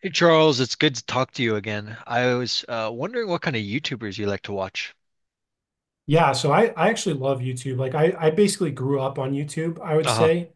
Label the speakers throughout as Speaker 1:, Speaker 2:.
Speaker 1: Hey Charles, it's good to talk to you again. I was wondering what kind of YouTubers you like to watch.
Speaker 2: Yeah, so I actually love YouTube. Like I basically grew up on YouTube, I would
Speaker 1: Uh-huh.
Speaker 2: say.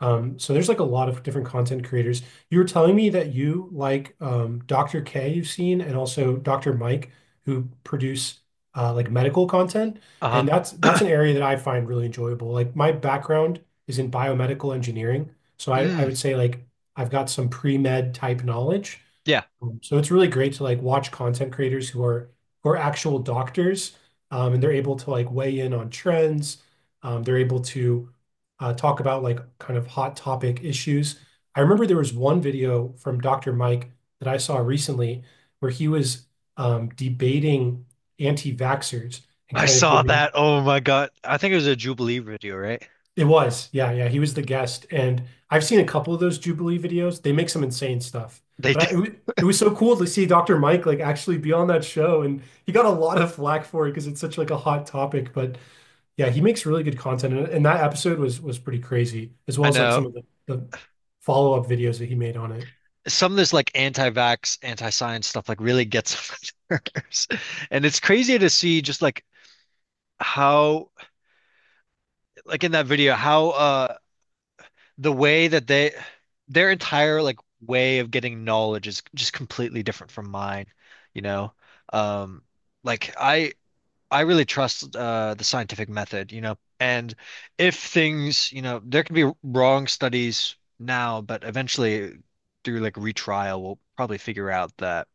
Speaker 2: So there's like a lot of different content creators. You were telling me that you like Dr. K you've seen and also Dr. Mike who produce like medical content,
Speaker 1: Uh-huh.
Speaker 2: and that's an area that I find really enjoyable. Like my background is in biomedical engineering, so I
Speaker 1: Mm,
Speaker 2: would say like I've got some pre-med type knowledge,
Speaker 1: yeah.
Speaker 2: so it's really great to like watch content creators who are actual doctors, and they're able to like weigh in on trends. They're able to talk about like kind of hot topic issues. I remember there was one video from Dr. Mike that I saw recently where he was debating anti-vaxxers and
Speaker 1: I
Speaker 2: kind of
Speaker 1: saw
Speaker 2: giving
Speaker 1: that. Oh my God. I think it was a Jubilee video, right?
Speaker 2: it was. Yeah, yeah. He was the guest. And I've seen a couple of those Jubilee videos. They make some insane stuff.
Speaker 1: They
Speaker 2: But
Speaker 1: did.
Speaker 2: it was so cool to see Dr. Mike like actually be on that show. And he got a lot of flack for it because it's such like a hot topic. But yeah, he makes really good content. And that episode was pretty crazy, as well
Speaker 1: I
Speaker 2: as like
Speaker 1: know.
Speaker 2: some of the follow-up videos that he made on it.
Speaker 1: Some of this like anti-vax, anti-science stuff like really gets on my nerves. And it's crazy to see just like how like in that video, how the way that they their entire like way of getting knowledge is just completely different from mine, you know. Um like I really trust the scientific method. And if things, there can be wrong studies now, but eventually through like retrial we'll probably figure out that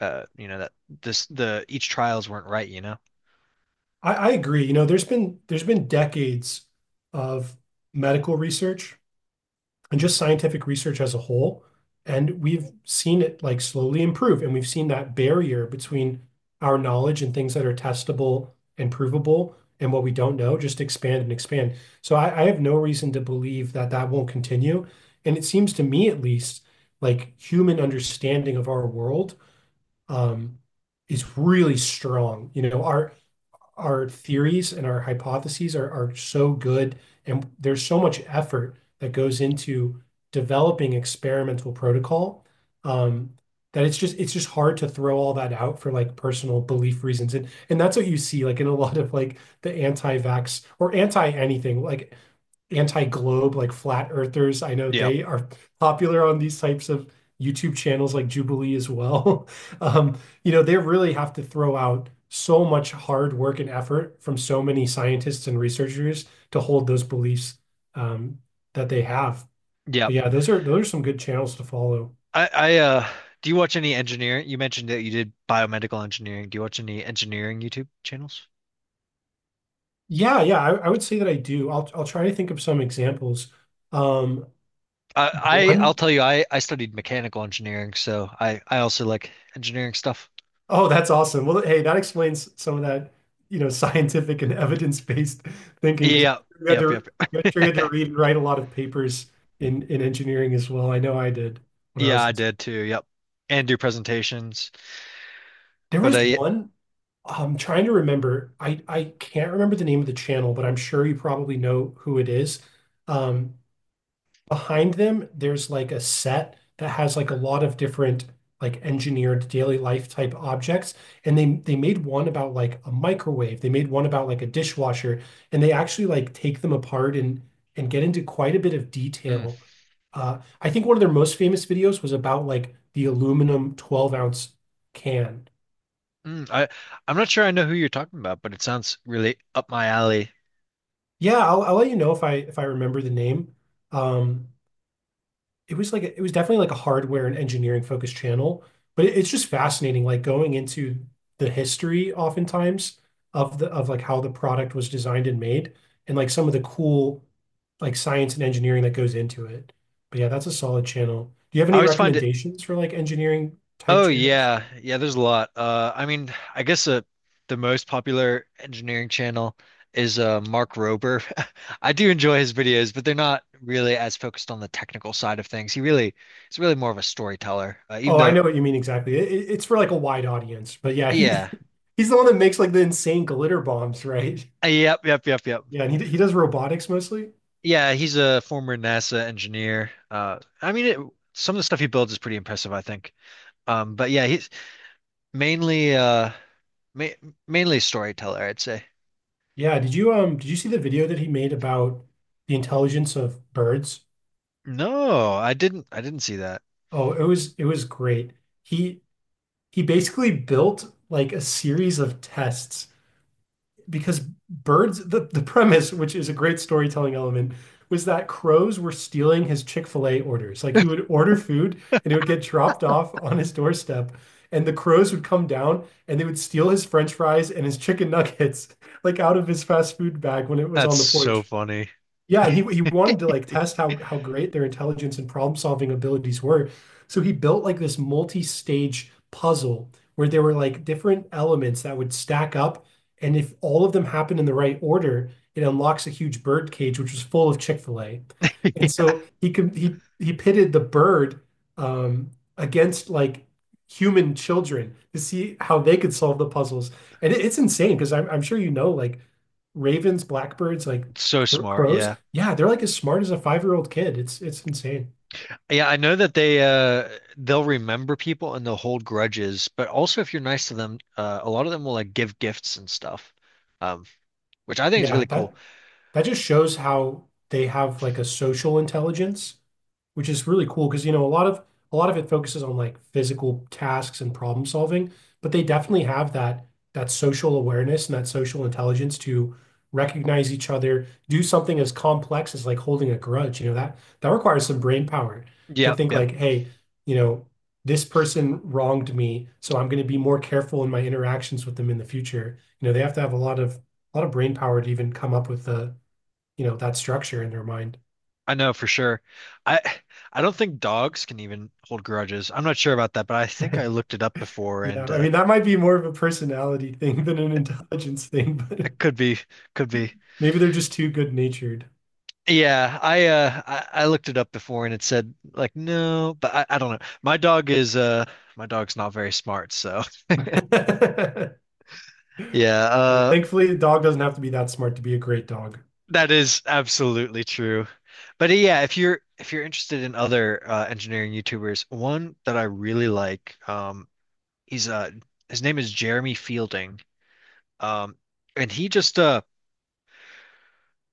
Speaker 1: you know that this the each trials weren't right.
Speaker 2: I agree. You know, there's been decades of medical research and just scientific research as a whole. And we've seen it like slowly improve, and we've seen that barrier between our knowledge and things that are testable and provable and what we don't know just expand and expand. So I have no reason to believe that that won't continue. And it seems to me, at least, like human understanding of our world um, is really strong. You know, our theories and our hypotheses are so good, and there's so much effort that goes into developing experimental protocol um, that it's just hard to throw all that out for like personal belief reasons. And that's what you see like in a lot of like the anti-vax or anti anything, like anti-globe, like flat earthers. I know
Speaker 1: Yep.
Speaker 2: they are popular on these types of YouTube channels like Jubilee as well. Um, you know, they really have to throw out so much hard work and effort from so many scientists and researchers to hold those beliefs um, that they have.
Speaker 1: Yep.
Speaker 2: But yeah, those are some good channels to follow.
Speaker 1: I Do you watch any engineering? You mentioned that you did biomedical engineering. Do you watch any engineering YouTube channels?
Speaker 2: Yeah, yeah, I would say that I do. I'll try to think of some examples. Um,
Speaker 1: I'll
Speaker 2: one.
Speaker 1: tell you, I studied mechanical engineering, so I also like engineering stuff.
Speaker 2: Oh, that's awesome. Well, hey, that explains some of that, you know, scientific and evidence-based thinking because
Speaker 1: Yeah,
Speaker 2: we had
Speaker 1: yep,
Speaker 2: to
Speaker 1: yep.
Speaker 2: we had to we had to read and write a lot of papers in engineering as well. I know I did when I
Speaker 1: Yeah,
Speaker 2: was
Speaker 1: I
Speaker 2: in,
Speaker 1: did too. Yep, and do presentations.
Speaker 2: there
Speaker 1: But
Speaker 2: was
Speaker 1: I
Speaker 2: one I'm trying to remember. I can't remember the name of the channel, but I'm sure you probably know who it is. Um, behind them, there's like a set that has like a lot of different like engineered daily life type objects. And they made one about like a microwave. They made one about like a dishwasher. And they actually like take them apart and get into quite a bit of
Speaker 1: mm,
Speaker 2: detail. I think one of their most famous videos was about like the aluminum 12-ounce can.
Speaker 1: mm, I I'm not sure I know who you're talking about, but it sounds really up my alley.
Speaker 2: Yeah, I'll let you know if I remember the name. Um, it was like a, it was definitely like a hardware and engineering focused channel, but it's just fascinating, like going into the history oftentimes of the of like how the product was designed and made, and like some of the cool like science and engineering that goes into it. But yeah, that's a solid channel. Do you have
Speaker 1: I
Speaker 2: any
Speaker 1: always find it
Speaker 2: recommendations for like engineering type
Speaker 1: Oh
Speaker 2: channels?
Speaker 1: yeah, yeah. There's a lot. I mean, I guess the most popular engineering channel is Mark Rober. I do enjoy his videos, but they're not really as focused on the technical side of things. He's really more of a storyteller. Even
Speaker 2: Oh, I
Speaker 1: though,
Speaker 2: know what you mean exactly. It's for like a wide audience, but yeah, he
Speaker 1: yeah.
Speaker 2: he's the one that makes like the insane glitter bombs, right?
Speaker 1: Yep, yep, yep, yep.
Speaker 2: Yeah, and he does robotics mostly.
Speaker 1: Yeah, he's a former NASA engineer. I mean, some of the stuff he builds is pretty impressive, I think. But yeah, he's mainly uh, ma mainly storyteller, I'd say.
Speaker 2: Yeah, did you see the video that he made about the intelligence of birds?
Speaker 1: No, I didn't. I didn't see that.
Speaker 2: Oh, it was great. He he basically built like a series of tests because birds the premise, which is a great storytelling element, was that crows were stealing his Chick-fil-A orders. Like he would order food and it would get dropped off on his doorstep, and the crows would come down and they would steal his French fries and his chicken nuggets like out of his fast food bag when it was
Speaker 1: That's
Speaker 2: on the
Speaker 1: so
Speaker 2: porch.
Speaker 1: funny.
Speaker 2: Yeah, and he wanted to like test how great their intelligence and problem-solving abilities were. So he built like this multi-stage puzzle where there were like different elements that would stack up, and if all of them happen in the right order, it unlocks a huge bird cage which was full of Chick-fil-A. And so he could he pitted the bird um against like human children to see how they could solve the puzzles. And it's insane because I'm sure you know like ravens, blackbirds, like
Speaker 1: It's so
Speaker 2: cr-
Speaker 1: smart,
Speaker 2: crows,
Speaker 1: yeah.
Speaker 2: yeah, they're like as smart as a five-year-old kid. It's insane.
Speaker 1: Yeah, I know that they'll remember people and they'll hold grudges, but also if you're nice to them, a lot of them will like give gifts and stuff. Um, which I think is
Speaker 2: Yeah,
Speaker 1: really cool.
Speaker 2: that That just shows how they have like a social intelligence, which is really cool because you know a lot of it focuses on like physical tasks and problem solving, but they definitely have that social awareness and that social intelligence to recognize each other, do something as complex as like holding a grudge. You know, that requires some brain power to
Speaker 1: Yep,
Speaker 2: think
Speaker 1: yep.
Speaker 2: like, hey, you know, this person wronged me, so I'm going to be more careful in my interactions with them in the future. You know, they have to have a lot of brain power to even come up with a you know, that structure in their mind.
Speaker 1: I know for sure. I I don't think dogs can even hold grudges. I'm not sure about that, but I think I looked it up before
Speaker 2: Yeah,
Speaker 1: and
Speaker 2: I mean, that might be more of a personality thing than an intelligence thing, but
Speaker 1: it could be.
Speaker 2: maybe they're just too good-natured.
Speaker 1: Yeah, I looked it up before and it said like no, but I don't know. My dog's not very smart, so yeah,
Speaker 2: Well, thankfully, the dog doesn't have to be that smart to be a great dog.
Speaker 1: that is absolutely true. But yeah, if you're interested in other engineering YouTubers, one that I really like. Um he's uh his name is Jeremy Fielding. Um and he just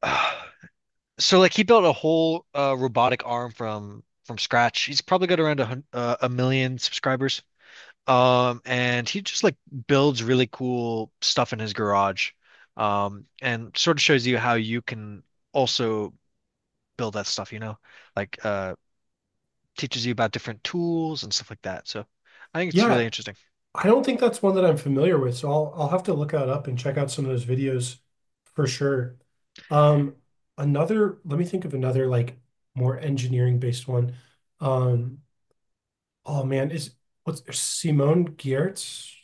Speaker 1: so like he built a whole robotic arm from scratch. He's probably got around a million subscribers. And he just like builds really cool stuff in his garage. And sort of shows you how you can also build that stuff, like teaches you about different tools and stuff like that. So I think it's really
Speaker 2: Yeah,
Speaker 1: interesting.
Speaker 2: I don't think that's one that I'm familiar with, so I'll have to look that up and check out some of those videos for sure. Um, another, let me think of another like more engineering based one. Um, oh man, is what's Simone Giertz?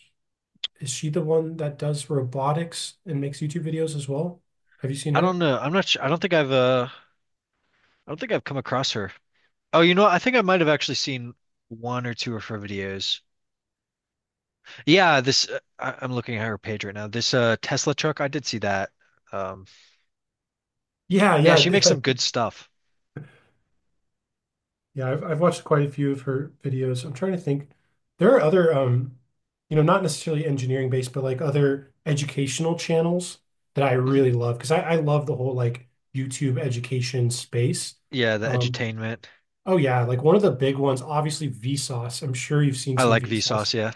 Speaker 2: Is she the one that does robotics and makes YouTube videos as well? Have you seen
Speaker 1: I don't
Speaker 2: her?
Speaker 1: know. I'm not sure. I don't think I've come across her. Oh, you know what? I think I might have actually seen one or two of her videos. Yeah, I'm looking at her page right now. This Tesla truck, I did see that. Um,
Speaker 2: Yeah,
Speaker 1: yeah,
Speaker 2: yeah,
Speaker 1: she makes
Speaker 2: yeah.
Speaker 1: some good stuff.
Speaker 2: Yeah, I've watched quite a few of her videos. I'm trying to think. There are other you know, not necessarily engineering based, but like other educational channels that I
Speaker 1: Mhm.
Speaker 2: really love because I love the whole like YouTube education space.
Speaker 1: Yeah, the
Speaker 2: Um,
Speaker 1: edutainment.
Speaker 2: oh yeah, like one of the big ones, obviously Vsauce. I'm sure you've seen
Speaker 1: I
Speaker 2: some
Speaker 1: like Vsauce.
Speaker 2: Vsauce.
Speaker 1: Yeah,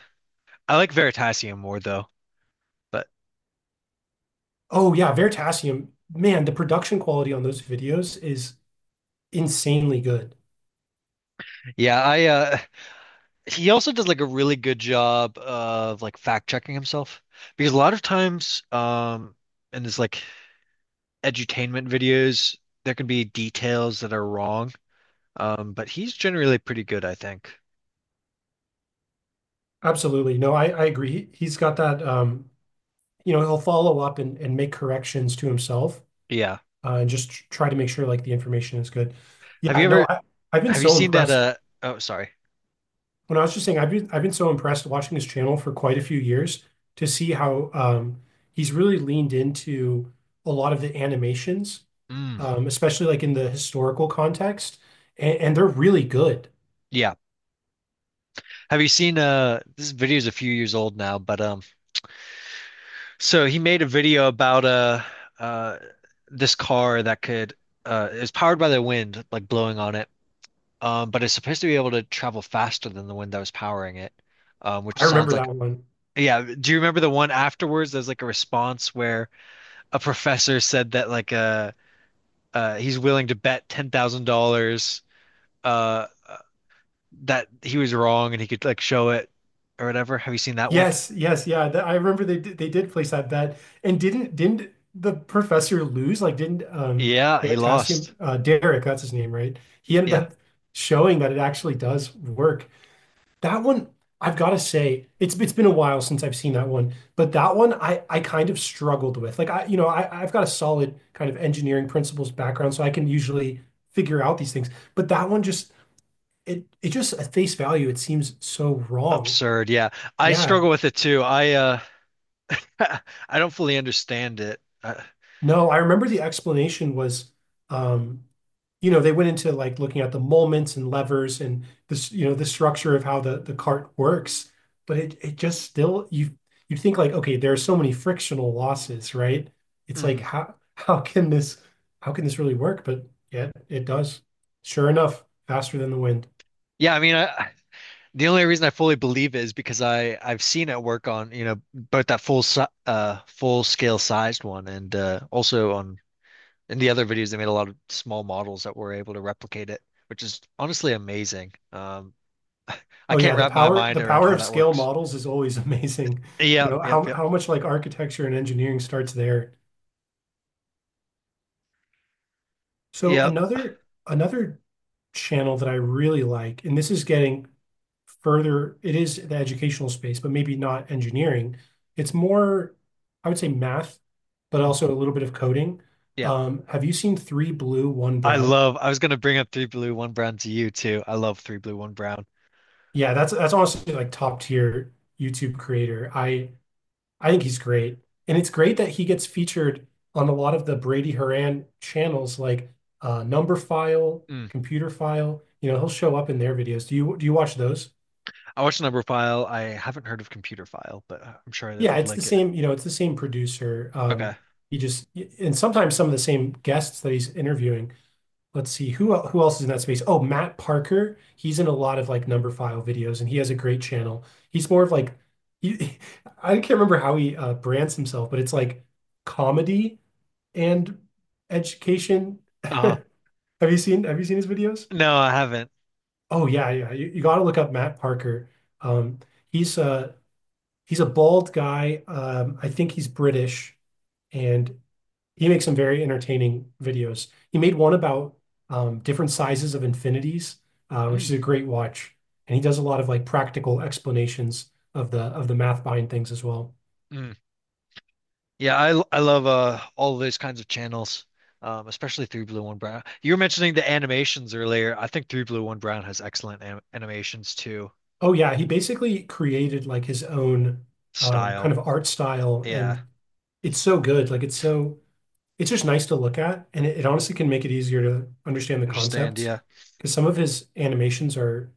Speaker 1: I like Veritasium more though. But
Speaker 2: Oh yeah, Veritasium. Man, the production quality on those videos is insanely good.
Speaker 1: yeah, I he also does like a really good job of like fact checking himself, because a lot of times in this like edutainment videos there can be details that are wrong, but he's generally pretty good, I think.
Speaker 2: Absolutely. No, I agree. He's got that, you know, he'll follow up and make corrections to himself
Speaker 1: Yeah,
Speaker 2: and just try to make sure like the information is good.
Speaker 1: have
Speaker 2: Yeah,
Speaker 1: you
Speaker 2: no,
Speaker 1: ever
Speaker 2: I, I've been
Speaker 1: have you
Speaker 2: so
Speaker 1: seen that,
Speaker 2: impressed.
Speaker 1: oh, sorry.
Speaker 2: When I was just saying, I've been so impressed watching his channel for quite a few years to see how he's really leaned into a lot of the animations,
Speaker 1: Mm,
Speaker 2: especially like in the historical context, and they're really good.
Speaker 1: yeah, have you seen this video is a few years old now, but so he made a video about uh this car that could it powered by the wind, like blowing on it. But it's supposed to be able to travel faster than the wind that was powering it, which
Speaker 2: I
Speaker 1: sounds
Speaker 2: remember that
Speaker 1: like
Speaker 2: one.
Speaker 1: yeah. Do you remember the one afterwards? There's like a response where a professor said that like he's willing to bet $10,000 uh uh, that he was wrong and he could like show it or whatever. Have you seen that one?
Speaker 2: Yes, yes, yeah. That, I remember they did place that bet, and didn't the professor lose? Like, didn't
Speaker 1: Yeah, he lost.
Speaker 2: Veritasium Derek? That's his name, right? He ended
Speaker 1: Yeah,
Speaker 2: up showing that it actually does work. That one, I've got to say, it's been a while since I've seen that one, but that one I kind of struggled with. Like, I you know I've got a solid kind of engineering principles background, so I can usually figure out these things. But that one just it just at face value, it seems so wrong.
Speaker 1: absurd. Yeah, I
Speaker 2: Yeah,
Speaker 1: struggle with it too. I I don't fully understand it. Uh,
Speaker 2: no, I remember the explanation was, um, you know, they went into like looking at the moments and levers and this, you know, the structure of how the cart works, but it just still you you think like, okay, there are so many frictional losses, right? It's like
Speaker 1: mhm.
Speaker 2: how can this how can this really work? But yeah, it does. Sure enough, faster than the wind.
Speaker 1: Yeah, I mean, I The only reason I fully believe it is because I've seen it work on, both that full scale sized one and also on in the other videos they made a lot of small models that were able to replicate it, which is honestly amazing. I
Speaker 2: Oh yeah,
Speaker 1: can't
Speaker 2: the
Speaker 1: wrap my
Speaker 2: power
Speaker 1: mind
Speaker 2: the
Speaker 1: around
Speaker 2: power
Speaker 1: how
Speaker 2: of
Speaker 1: that
Speaker 2: scale
Speaker 1: works.
Speaker 2: models is always amazing. You
Speaker 1: Yep,
Speaker 2: know,
Speaker 1: yep,
Speaker 2: how
Speaker 1: yep.
Speaker 2: how much like architecture and engineering starts there. So
Speaker 1: Yep.
Speaker 2: another another channel that I really like, and this is getting further, it is the educational space, but maybe not engineering. It's more, I would say math, but
Speaker 1: Mm,
Speaker 2: also a little bit of coding.
Speaker 1: yeah.
Speaker 2: Have you seen Three Blue, One Brown?
Speaker 1: I was gonna bring up Three Blue, One Brown to you too. I love Three Blue, One Brown.
Speaker 2: Yeah, that's honestly like top tier YouTube creator. I think he's great. And it's great that he gets featured on a lot of the Brady Haran channels like Number File,
Speaker 1: Mm.
Speaker 2: Computer File. You know, he'll show up in their videos. Do you watch those?
Speaker 1: I watched Number File. I haven't heard of Computer File, but I'm sure I
Speaker 2: Yeah,
Speaker 1: would
Speaker 2: it's the
Speaker 1: like it.
Speaker 2: same, you know, it's the same producer.
Speaker 1: Okay.
Speaker 2: He just and sometimes some of the same guests that he's interviewing. Let's see who else is in that space. Oh, Matt Parker. He's in a lot of like number file videos, and he has a great channel. He's more of like, he, I can't remember how he brands himself, but it's like comedy and education.
Speaker 1: Uh-huh.
Speaker 2: Have you seen his videos?
Speaker 1: No, I haven't.
Speaker 2: Oh yeah, yeah. You got to look up Matt Parker. Um, he's a he's a bald guy. I think he's British and he makes some very entertaining videos. He made one about different sizes of infinities, which is
Speaker 1: Mm.
Speaker 2: a great watch. And he does a lot of like practical explanations of the math behind things as well.
Speaker 1: Mm. Yeah, I love all those kinds of channels, especially Three Blue One Brown. You were mentioning the animations earlier. I think Three Blue One Brown has excellent animations too.
Speaker 2: Oh yeah, he basically created like his own kind
Speaker 1: Style,
Speaker 2: of art style,
Speaker 1: yeah,
Speaker 2: and it's so good. Like it's so it's just nice to look at, and it honestly can make it easier to understand the
Speaker 1: understand,
Speaker 2: concepts
Speaker 1: yeah,
Speaker 2: because some of his animations are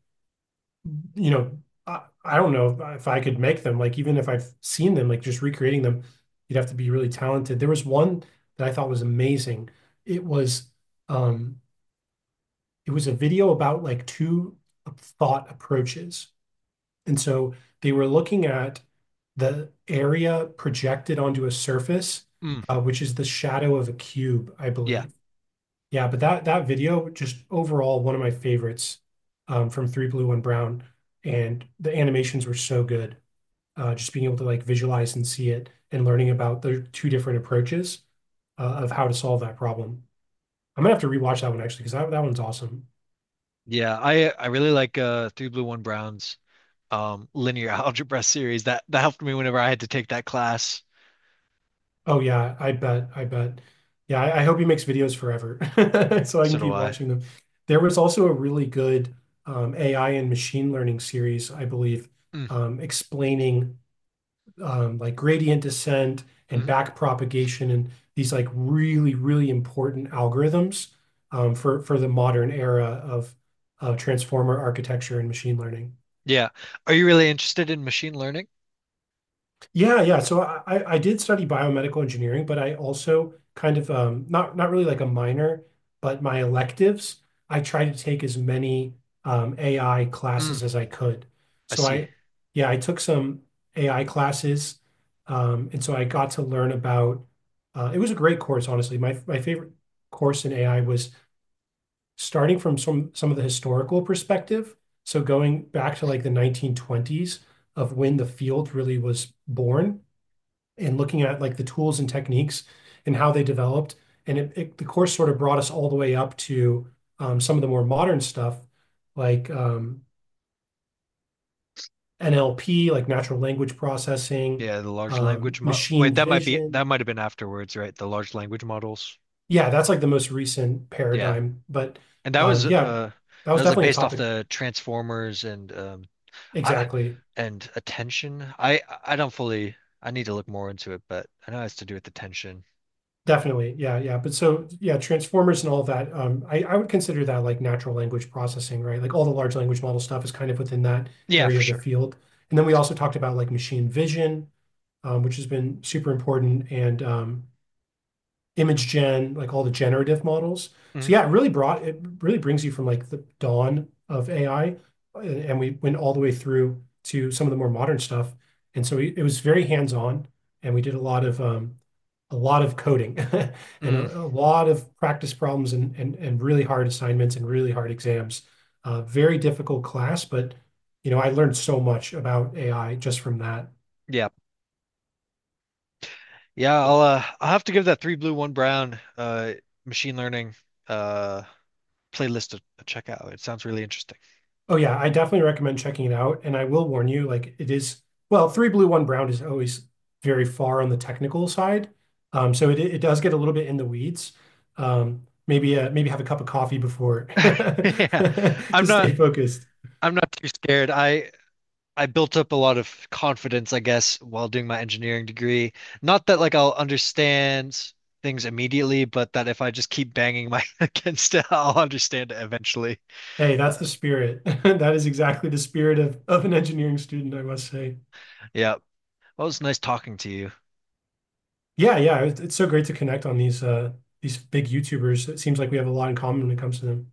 Speaker 2: you know, I don't know if I could make them. Like even if I've seen them, like just recreating them, you'd have to be really talented. There was one that I thought was amazing. It was um it was a video about like two thought approaches. And so they were looking at the area projected onto a surface,
Speaker 1: mm.
Speaker 2: which is the shadow of a cube, I
Speaker 1: Yeah,
Speaker 2: believe. Yeah, but that video just overall one of my favorites from Three Blue One Brown, and the animations were so good. Just being able to like visualize and see it, and learning about the two different approaches of how to solve that problem. I'm gonna have to rewatch that one actually because that one's awesome.
Speaker 1: yeah. I really like Three Blue One Brown's linear algebra series. That helped me whenever I had to take that class.
Speaker 2: Oh yeah, I bet, I bet. Yeah, I hope he makes videos forever so I can
Speaker 1: So do
Speaker 2: keep
Speaker 1: I.
Speaker 2: watching them. There was also a really good AI and machine learning series, I believe,
Speaker 1: Mm.
Speaker 2: explaining like gradient descent and
Speaker 1: Mm.
Speaker 2: backpropagation and these like really, really important algorithms for the modern era of transformer architecture and machine learning.
Speaker 1: Yeah. Are you really interested in machine learning?
Speaker 2: Yeah, yeah. So I did study biomedical engineering, but I also kind of not really like a minor, but my electives, I tried to take as many AI
Speaker 1: Mm.
Speaker 2: classes as I could.
Speaker 1: I
Speaker 2: So
Speaker 1: see.
Speaker 2: I, yeah, I took some AI classes, and so I got to learn about. It was a great course, honestly. My favorite course in AI was starting from some of the historical perspective. So going back to like the 1920s of when the field really was born and looking at like the tools and techniques and how they developed. The course sort of brought us all the way up to some of the more modern stuff like NLP, like natural language processing,
Speaker 1: Yeah, the large language mo wait,
Speaker 2: machine vision.
Speaker 1: that might have been afterwards, right? The large language models.
Speaker 2: Yeah, that's like the most recent
Speaker 1: Yeah.
Speaker 2: paradigm. But
Speaker 1: And that was
Speaker 2: Yeah,
Speaker 1: uh
Speaker 2: that
Speaker 1: that
Speaker 2: was
Speaker 1: was like
Speaker 2: definitely a
Speaker 1: based off
Speaker 2: topic.
Speaker 1: the Transformers and I
Speaker 2: Exactly.
Speaker 1: and attention. I don't fully I need to look more into it, but I know it has to do with attention.
Speaker 2: Definitely. Yeah, yeah. But so yeah, transformers and all of that, I would consider that like natural language processing, right? Like all the large language model stuff is kind of within that
Speaker 1: Yeah, for
Speaker 2: area of the
Speaker 1: sure.
Speaker 2: field. And then we also talked about like machine vision, which has been super important, and image gen, like all the generative models. So
Speaker 1: Mm,
Speaker 2: yeah, it really brings you from like the dawn of AI, and we went all the way through to some of the more modern stuff. It was very hands-on, and we did a lot of coding and
Speaker 1: mm,
Speaker 2: a lot of practice problems and really hard assignments and really hard exams. Very difficult class, but you know, I learned so much about AI just from that.
Speaker 1: yeah. Yeah, I'll have to give that Three Blue, One Brown machine learning uh playlist a check out. It sounds really interesting.
Speaker 2: Oh yeah, I definitely recommend checking it out. And I will warn you, like it is, well, three blue, one brown is always very far on the technical side. So it it does get a little bit in the weeds. Maybe have a cup of coffee before
Speaker 1: Yeah.
Speaker 2: to
Speaker 1: I'm not
Speaker 2: stay focused.
Speaker 1: I'm not too scared. I built up a lot of confidence, I guess, while doing my engineering degree. Not that like I'll understand things immediately, but that if I just keep banging my head against it, I'll understand it eventually.
Speaker 2: Hey, that's
Speaker 1: Uh,
Speaker 2: the spirit. That is exactly the spirit of an engineering student, I must say.
Speaker 1: yeah. Well, it was nice talking to you.
Speaker 2: Yeah, yeah, it's so great to connect on these big YouTubers. It seems like we have a lot in common when it comes to them.